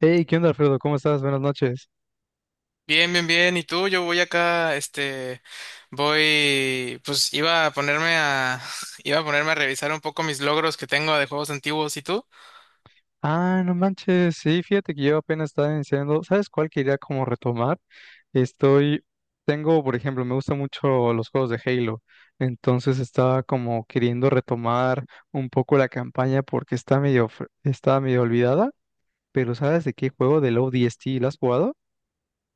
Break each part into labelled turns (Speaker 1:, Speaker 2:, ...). Speaker 1: Hey, ¿qué onda, Alfredo? ¿Cómo estás? Buenas noches.
Speaker 2: Bien, bien, bien. ¿Y tú? Yo voy acá, voy, pues iba a ponerme a, iba a ponerme a revisar un poco mis logros que tengo de juegos antiguos. ¿Y tú?
Speaker 1: Ah, no manches. Sí, fíjate que yo apenas estaba iniciando. ¿Sabes cuál quería como retomar? Estoy, tengo, por ejemplo, me gustan mucho los juegos de Halo. Entonces estaba como queriendo retomar un poco la campaña porque está medio olvidada. Pero ¿sabes de qué juego del ODST la has jugado?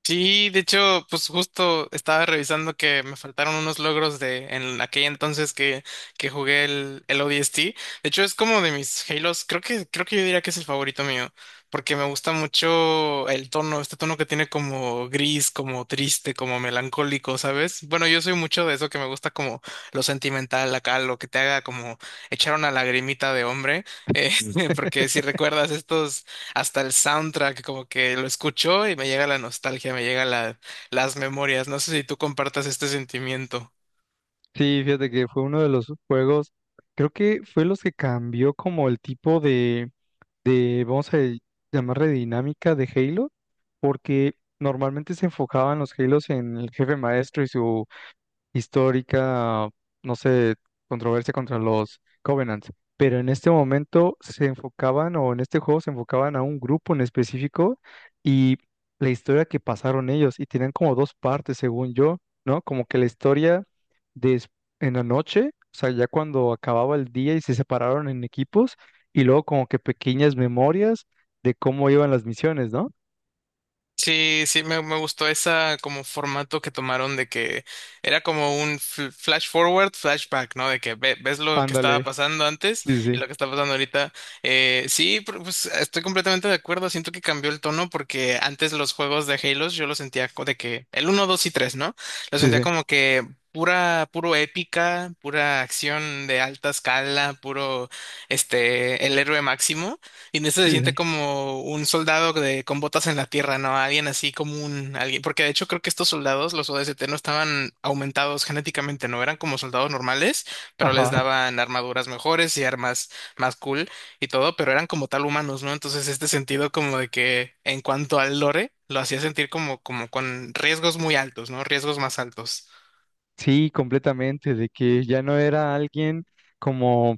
Speaker 2: Sí, de hecho, pues justo estaba revisando que me faltaron unos logros de en aquel entonces que jugué el ODST. De hecho, es como de mis Halos, creo que yo diría que es el favorito mío, porque me gusta mucho el tono, este tono que tiene como gris, como triste, como melancólico, ¿sabes? Bueno, yo soy mucho de eso que me gusta como lo sentimental acá, lo que te haga como echar una lagrimita de hombre, eh, porque si recuerdas estos hasta el soundtrack, como que lo escucho y me llega la nostalgia, me llega las memorias. No sé si tú compartas este sentimiento.
Speaker 1: Sí, fíjate que fue uno de los juegos, creo que fue los que cambió como el tipo de, vamos a llamarle dinámica de Halo, porque normalmente se enfocaban los Halos en el jefe maestro y su histórica, no sé, controversia contra los Covenants, pero en este momento se enfocaban, o en este juego se enfocaban a un grupo en específico y la historia que pasaron ellos, y tenían como dos partes, según yo, ¿no? Como que la historia de en la noche, o sea, ya cuando acababa el día y se separaron en equipos, y luego como que pequeñas memorias de cómo iban las misiones, ¿no?
Speaker 2: Sí, sí, me gustó esa como formato que tomaron de que era como un flash forward, flashback, ¿no? De que ves lo que estaba
Speaker 1: Ándale.
Speaker 2: pasando antes
Speaker 1: Sí,
Speaker 2: y
Speaker 1: sí,
Speaker 2: lo que está pasando ahorita. Sí, pues estoy completamente de acuerdo. Siento que cambió el tono porque antes los juegos de Halo yo los sentía de que el uno, 2 y 3, ¿no? Los
Speaker 1: sí,
Speaker 2: sentía
Speaker 1: sí,
Speaker 2: como que pura, puro épica, pura acción de alta escala, puro, el héroe máximo. Y en este se
Speaker 1: sí, sí.
Speaker 2: siente como un soldado de, con botas en la tierra, ¿no? Alguien así como un, alguien, porque de hecho creo que estos soldados, los ODST, no estaban aumentados genéticamente, no eran como soldados normales, pero les
Speaker 1: Ajá,
Speaker 2: daban armaduras mejores y armas más cool y todo, pero eran como tal humanos, ¿no? Entonces este sentido como de que en cuanto al lore, lo hacía sentir como, como con riesgos muy altos, ¿no? Riesgos más altos.
Speaker 1: sí, completamente, de que ya no era alguien como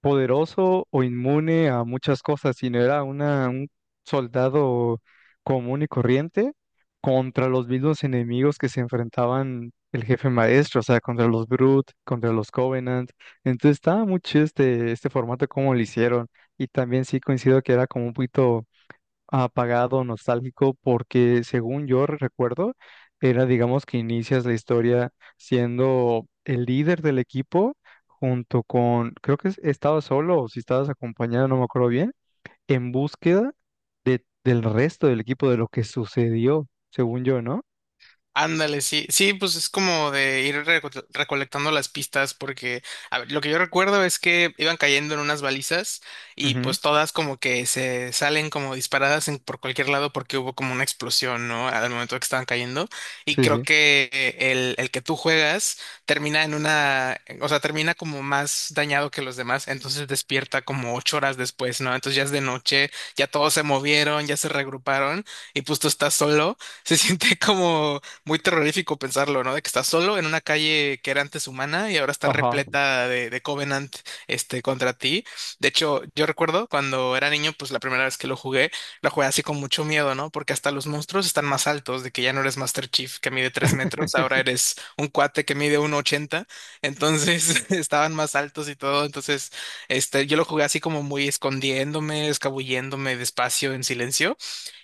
Speaker 1: poderoso o inmune a muchas cosas, sino era una, un soldado común y corriente contra los mismos enemigos que se enfrentaban el jefe maestro, o sea, contra los Brute, contra los Covenant. Entonces estaba muy chido este formato como lo hicieron. Y también sí coincido que era como un poquito apagado, nostálgico, porque según yo recuerdo, era, digamos, que inicias la historia siendo el líder del equipo junto con, creo que estabas solo o si estabas acompañado, no me acuerdo bien, en búsqueda de, del resto del equipo, de lo que sucedió, según yo, ¿no?
Speaker 2: Ándale, sí, sí, pues es como de ir recolectando las pistas porque, a ver, lo que yo recuerdo es que iban cayendo en unas balizas y
Speaker 1: Ujú,
Speaker 2: pues todas como que se salen como disparadas por cualquier lado porque hubo como una explosión, ¿no? Al momento que estaban cayendo y
Speaker 1: sí, sí.
Speaker 2: creo que el que tú juegas termina en una, o sea, termina como más dañado que los demás, entonces despierta como ocho horas después, ¿no? Entonces ya es de noche, ya todos se movieron, ya se regruparon y pues tú estás solo se siente como, muy terrorífico pensarlo, ¿no? De que estás solo en una calle que era antes humana y ahora está
Speaker 1: Ajá.
Speaker 2: repleta de Covenant, contra ti. De hecho, yo recuerdo cuando era niño, pues la primera vez que lo jugué así con mucho miedo, ¿no? Porque hasta los monstruos están más altos, de que ya no eres Master Chief que mide tres metros, ahora eres un cuate que mide uno ochenta, entonces estaban más altos y todo, entonces, yo lo jugué así como muy escondiéndome, escabulléndome despacio, en silencio.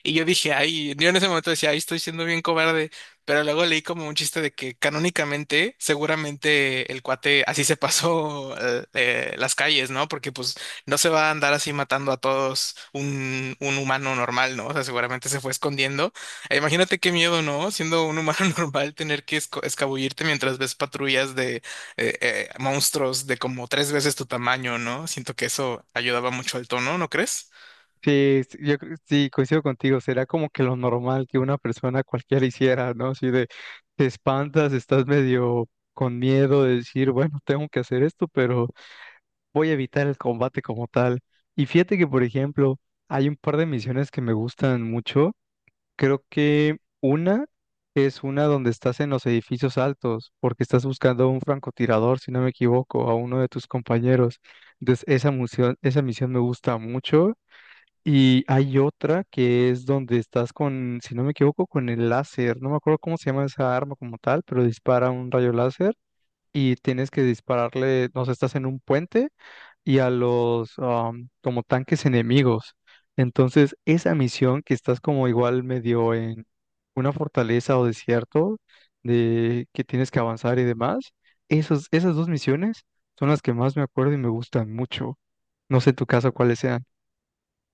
Speaker 2: Y yo dije, ay, yo en ese momento decía, ay, estoy siendo bien cobarde, pero luego leí como un chiste de que canónicamente, seguramente el cuate así se pasó las calles, ¿no? Porque pues no se va a andar así matando a todos un humano normal, ¿no? O sea, seguramente se fue escondiendo. E imagínate qué miedo, ¿no? Siendo un humano normal, tener que escabullirte mientras ves patrullas de monstruos de como tres veces tu tamaño, ¿no? Siento que eso ayudaba mucho al tono, ¿no crees?
Speaker 1: Sí, sí, sí, coincido contigo, será como que lo normal que una persona cualquiera hiciera, ¿no? Así de, te espantas, estás medio con miedo de decir, bueno, tengo que hacer esto, pero voy a evitar el combate como tal. Y fíjate que, por ejemplo, hay un par de misiones que me gustan mucho. Creo que una es una donde estás en los edificios altos, porque estás buscando a un francotirador, si no me equivoco, a uno de tus compañeros. Entonces, esa misión me gusta mucho y hay otra que es donde estás con, si no me equivoco, con el láser. No me acuerdo cómo se llama esa arma como tal, pero dispara un rayo láser y tienes que dispararle, no sé, estás en un puente y a los como tanques enemigos. Entonces, esa misión que estás como igual medio en una fortaleza o desierto de que tienes que avanzar y demás, esos, esas dos misiones son las que más me acuerdo y me gustan mucho. No sé en tu caso cuáles sean.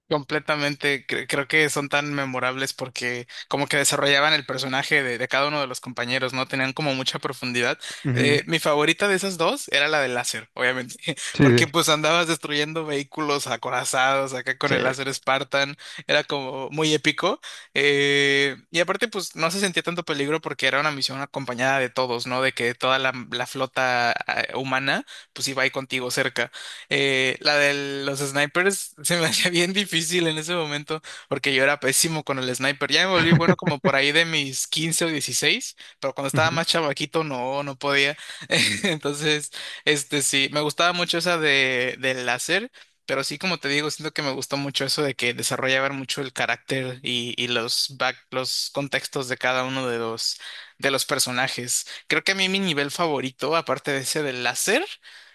Speaker 2: Completamente, creo que son tan memorables porque como que desarrollaban el personaje de cada uno de los compañeros, ¿no? Tenían como mucha profundidad.
Speaker 1: Ujú,
Speaker 2: Mi favorita de esas dos era la del láser, obviamente,
Speaker 1: sí,
Speaker 2: porque pues andabas destruyendo vehículos acorazados acá con el
Speaker 1: sí.
Speaker 2: láser Spartan, era como muy épico. Y aparte pues no se sentía tanto peligro porque era una misión acompañada de todos, ¿no? De que toda la flota humana pues iba ahí contigo cerca. La de los snipers se me hacía bien difícil en ese momento porque yo era pésimo con el sniper. Ya me volví bueno como por ahí de mis 15 o 16 pero cuando estaba
Speaker 1: Ujú.
Speaker 2: más chavaquito no, no podía. Entonces, este sí, me gustaba mucho esa de, del láser. Pero sí, como te digo, siento que me gustó mucho eso de que desarrollaban mucho el carácter y los back, los contextos de cada uno de los personajes. Creo que a mí mi nivel favorito, aparte de ese del láser,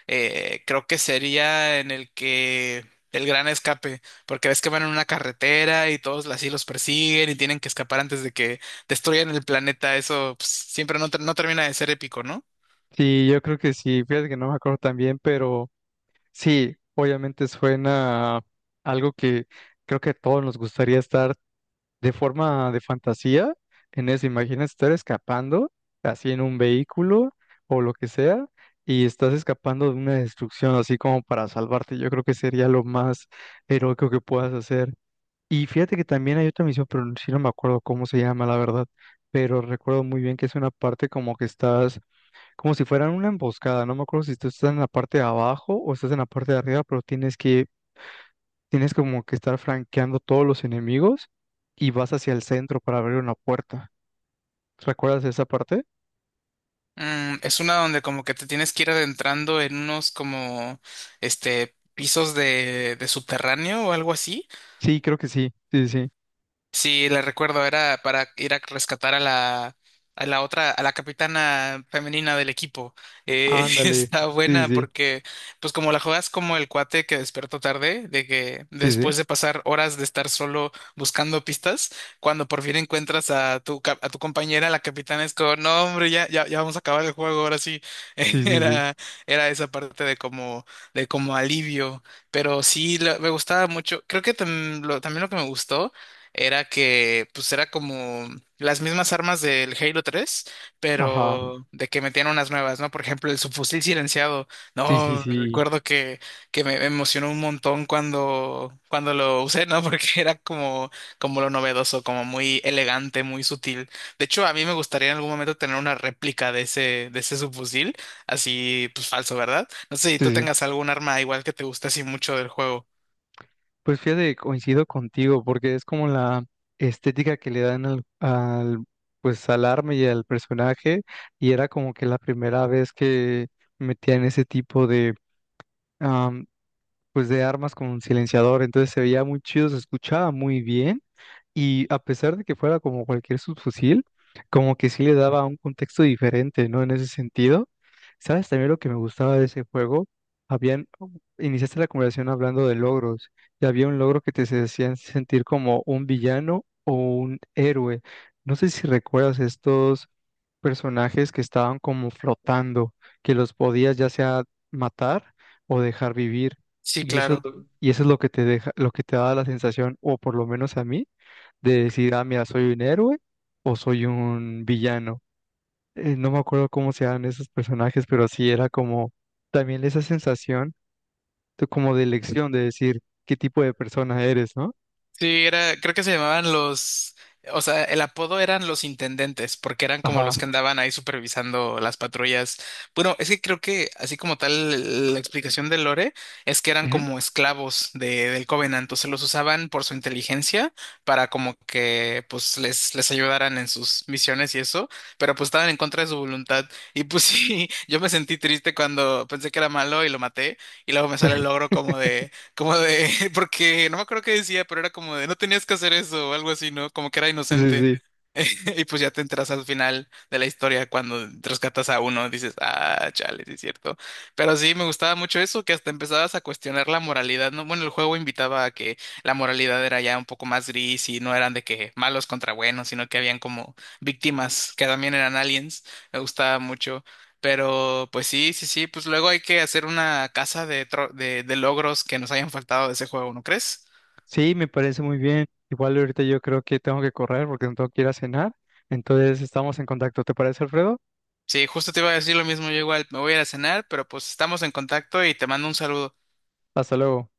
Speaker 2: creo que sería en el que el gran escape, porque ves que van en una carretera y todos así los persiguen y tienen que escapar antes de que destruyan el planeta. Eso pues, siempre no, no termina de ser épico, ¿no?
Speaker 1: Sí, yo creo que sí, fíjate que no me acuerdo tan bien, pero sí, obviamente suena a algo que creo que a todos nos gustaría estar de forma de fantasía en eso. Imagina estar escapando así en un vehículo o lo que sea y estás escapando de una destrucción así como para salvarte. Yo creo que sería lo más heroico que puedas hacer. Y fíjate que también hay otra misión, pero sí no me acuerdo cómo se llama, la verdad, pero recuerdo muy bien que es una parte como que estás como si fueran una emboscada. No me acuerdo si tú estás en la parte de abajo o estás en la parte de arriba, pero tienes como que estar franqueando todos los enemigos y vas hacia el centro para abrir una puerta. ¿Recuerdas esa parte?
Speaker 2: Mm, es una donde como que te tienes que ir adentrando en unos como este pisos de subterráneo o algo así.
Speaker 1: Sí, creo que sí. Sí, sí.
Speaker 2: Sí, la recuerdo, era para ir a rescatar a la otra, a la capitana femenina del equipo.
Speaker 1: Ándale.
Speaker 2: Está
Speaker 1: Sí,
Speaker 2: buena
Speaker 1: sí.
Speaker 2: porque, pues como la juegas como el cuate que despertó tarde, de que
Speaker 1: Sí,
Speaker 2: después
Speaker 1: sí.
Speaker 2: de pasar horas de estar solo buscando pistas, cuando por fin encuentras a tu compañera, la capitana es como, no, hombre, ya, ya, ya vamos a acabar el juego, ahora sí.
Speaker 1: Sí, sí, sí.
Speaker 2: Era, Era esa parte de como alivio, pero sí, me gustaba mucho. Creo que también lo que me gustó era que pues era como las mismas armas del Halo 3
Speaker 1: Ajá.
Speaker 2: pero de que metían unas nuevas, ¿no? Por ejemplo, el subfusil silenciado.
Speaker 1: Sí, sí,
Speaker 2: No,
Speaker 1: sí.
Speaker 2: que me emocionó un montón cuando lo usé, ¿no? Porque era como, como lo novedoso, como muy elegante, muy sutil. De hecho, a mí me gustaría en algún momento tener una réplica de ese subfusil, así pues falso, ¿verdad? No sé si tú
Speaker 1: Sí, sí.
Speaker 2: tengas algún arma igual que te guste así mucho del juego.
Speaker 1: Pues fíjate, coincido contigo, porque es como la estética que le dan pues al arma y al personaje, y era como que la primera vez que metían ese tipo de pues de armas con un silenciador, entonces se veía muy chido, se escuchaba muy bien y a pesar de que fuera como cualquier subfusil, como que sí le daba un contexto diferente, ¿no? En ese sentido, ¿sabes también lo que me gustaba de ese juego? Habían, oh, iniciaste la conversación hablando de logros y había un logro que hacían sentir como un villano o un héroe. No sé si recuerdas estos personajes que estaban como flotando, que los podías ya sea matar o dejar vivir.
Speaker 2: Sí,
Speaker 1: Y
Speaker 2: claro.
Speaker 1: eso es lo que te deja, lo que te da la sensación, o por lo menos a mí, de decir, ah, mira, soy un héroe o soy un villano. No me acuerdo cómo se llaman esos personajes, pero sí era como también esa sensación de, como de elección, de decir qué tipo de persona eres, ¿no?
Speaker 2: Sí, creo que se llamaban o sea, el apodo eran los intendentes, porque eran como
Speaker 1: Ajá.
Speaker 2: los que andaban ahí supervisando las patrullas. Bueno, es que creo que así como tal la explicación de Lore es que eran
Speaker 1: Ujú.
Speaker 2: como esclavos del Covenant, entonces los usaban por su inteligencia para como que pues les ayudaran en sus misiones y eso, pero pues estaban en contra de su voluntad. Y pues sí, yo me sentí triste cuando pensé que era malo y lo maté, y luego me sale el logro como de como porque no me acuerdo qué decía, pero era como de, no tenías que hacer eso o algo así, ¿no? Como que era
Speaker 1: Sí,
Speaker 2: inocente.
Speaker 1: sí.
Speaker 2: Y pues ya te enteras al final de la historia cuando rescatas a uno, dices, ah, chale, sí es cierto. Pero sí, me gustaba mucho eso, que hasta empezabas a cuestionar la moralidad, ¿no? Bueno, el juego invitaba a que la moralidad era ya un poco más gris y no eran de que malos contra buenos, sino que habían como víctimas que también eran aliens. Me gustaba mucho. Pero pues sí, sí, sí, pues luego hay que hacer una casa de logros que nos hayan faltado de ese juego, ¿no crees?
Speaker 1: Sí, me parece muy bien. Igual ahorita yo creo que tengo que correr porque no tengo que ir a cenar. Entonces estamos en contacto. ¿Te parece, Alfredo?
Speaker 2: Sí, justo te iba a decir lo mismo, yo igual me voy a ir a cenar, pero pues estamos en contacto y te mando un saludo.
Speaker 1: Hasta luego.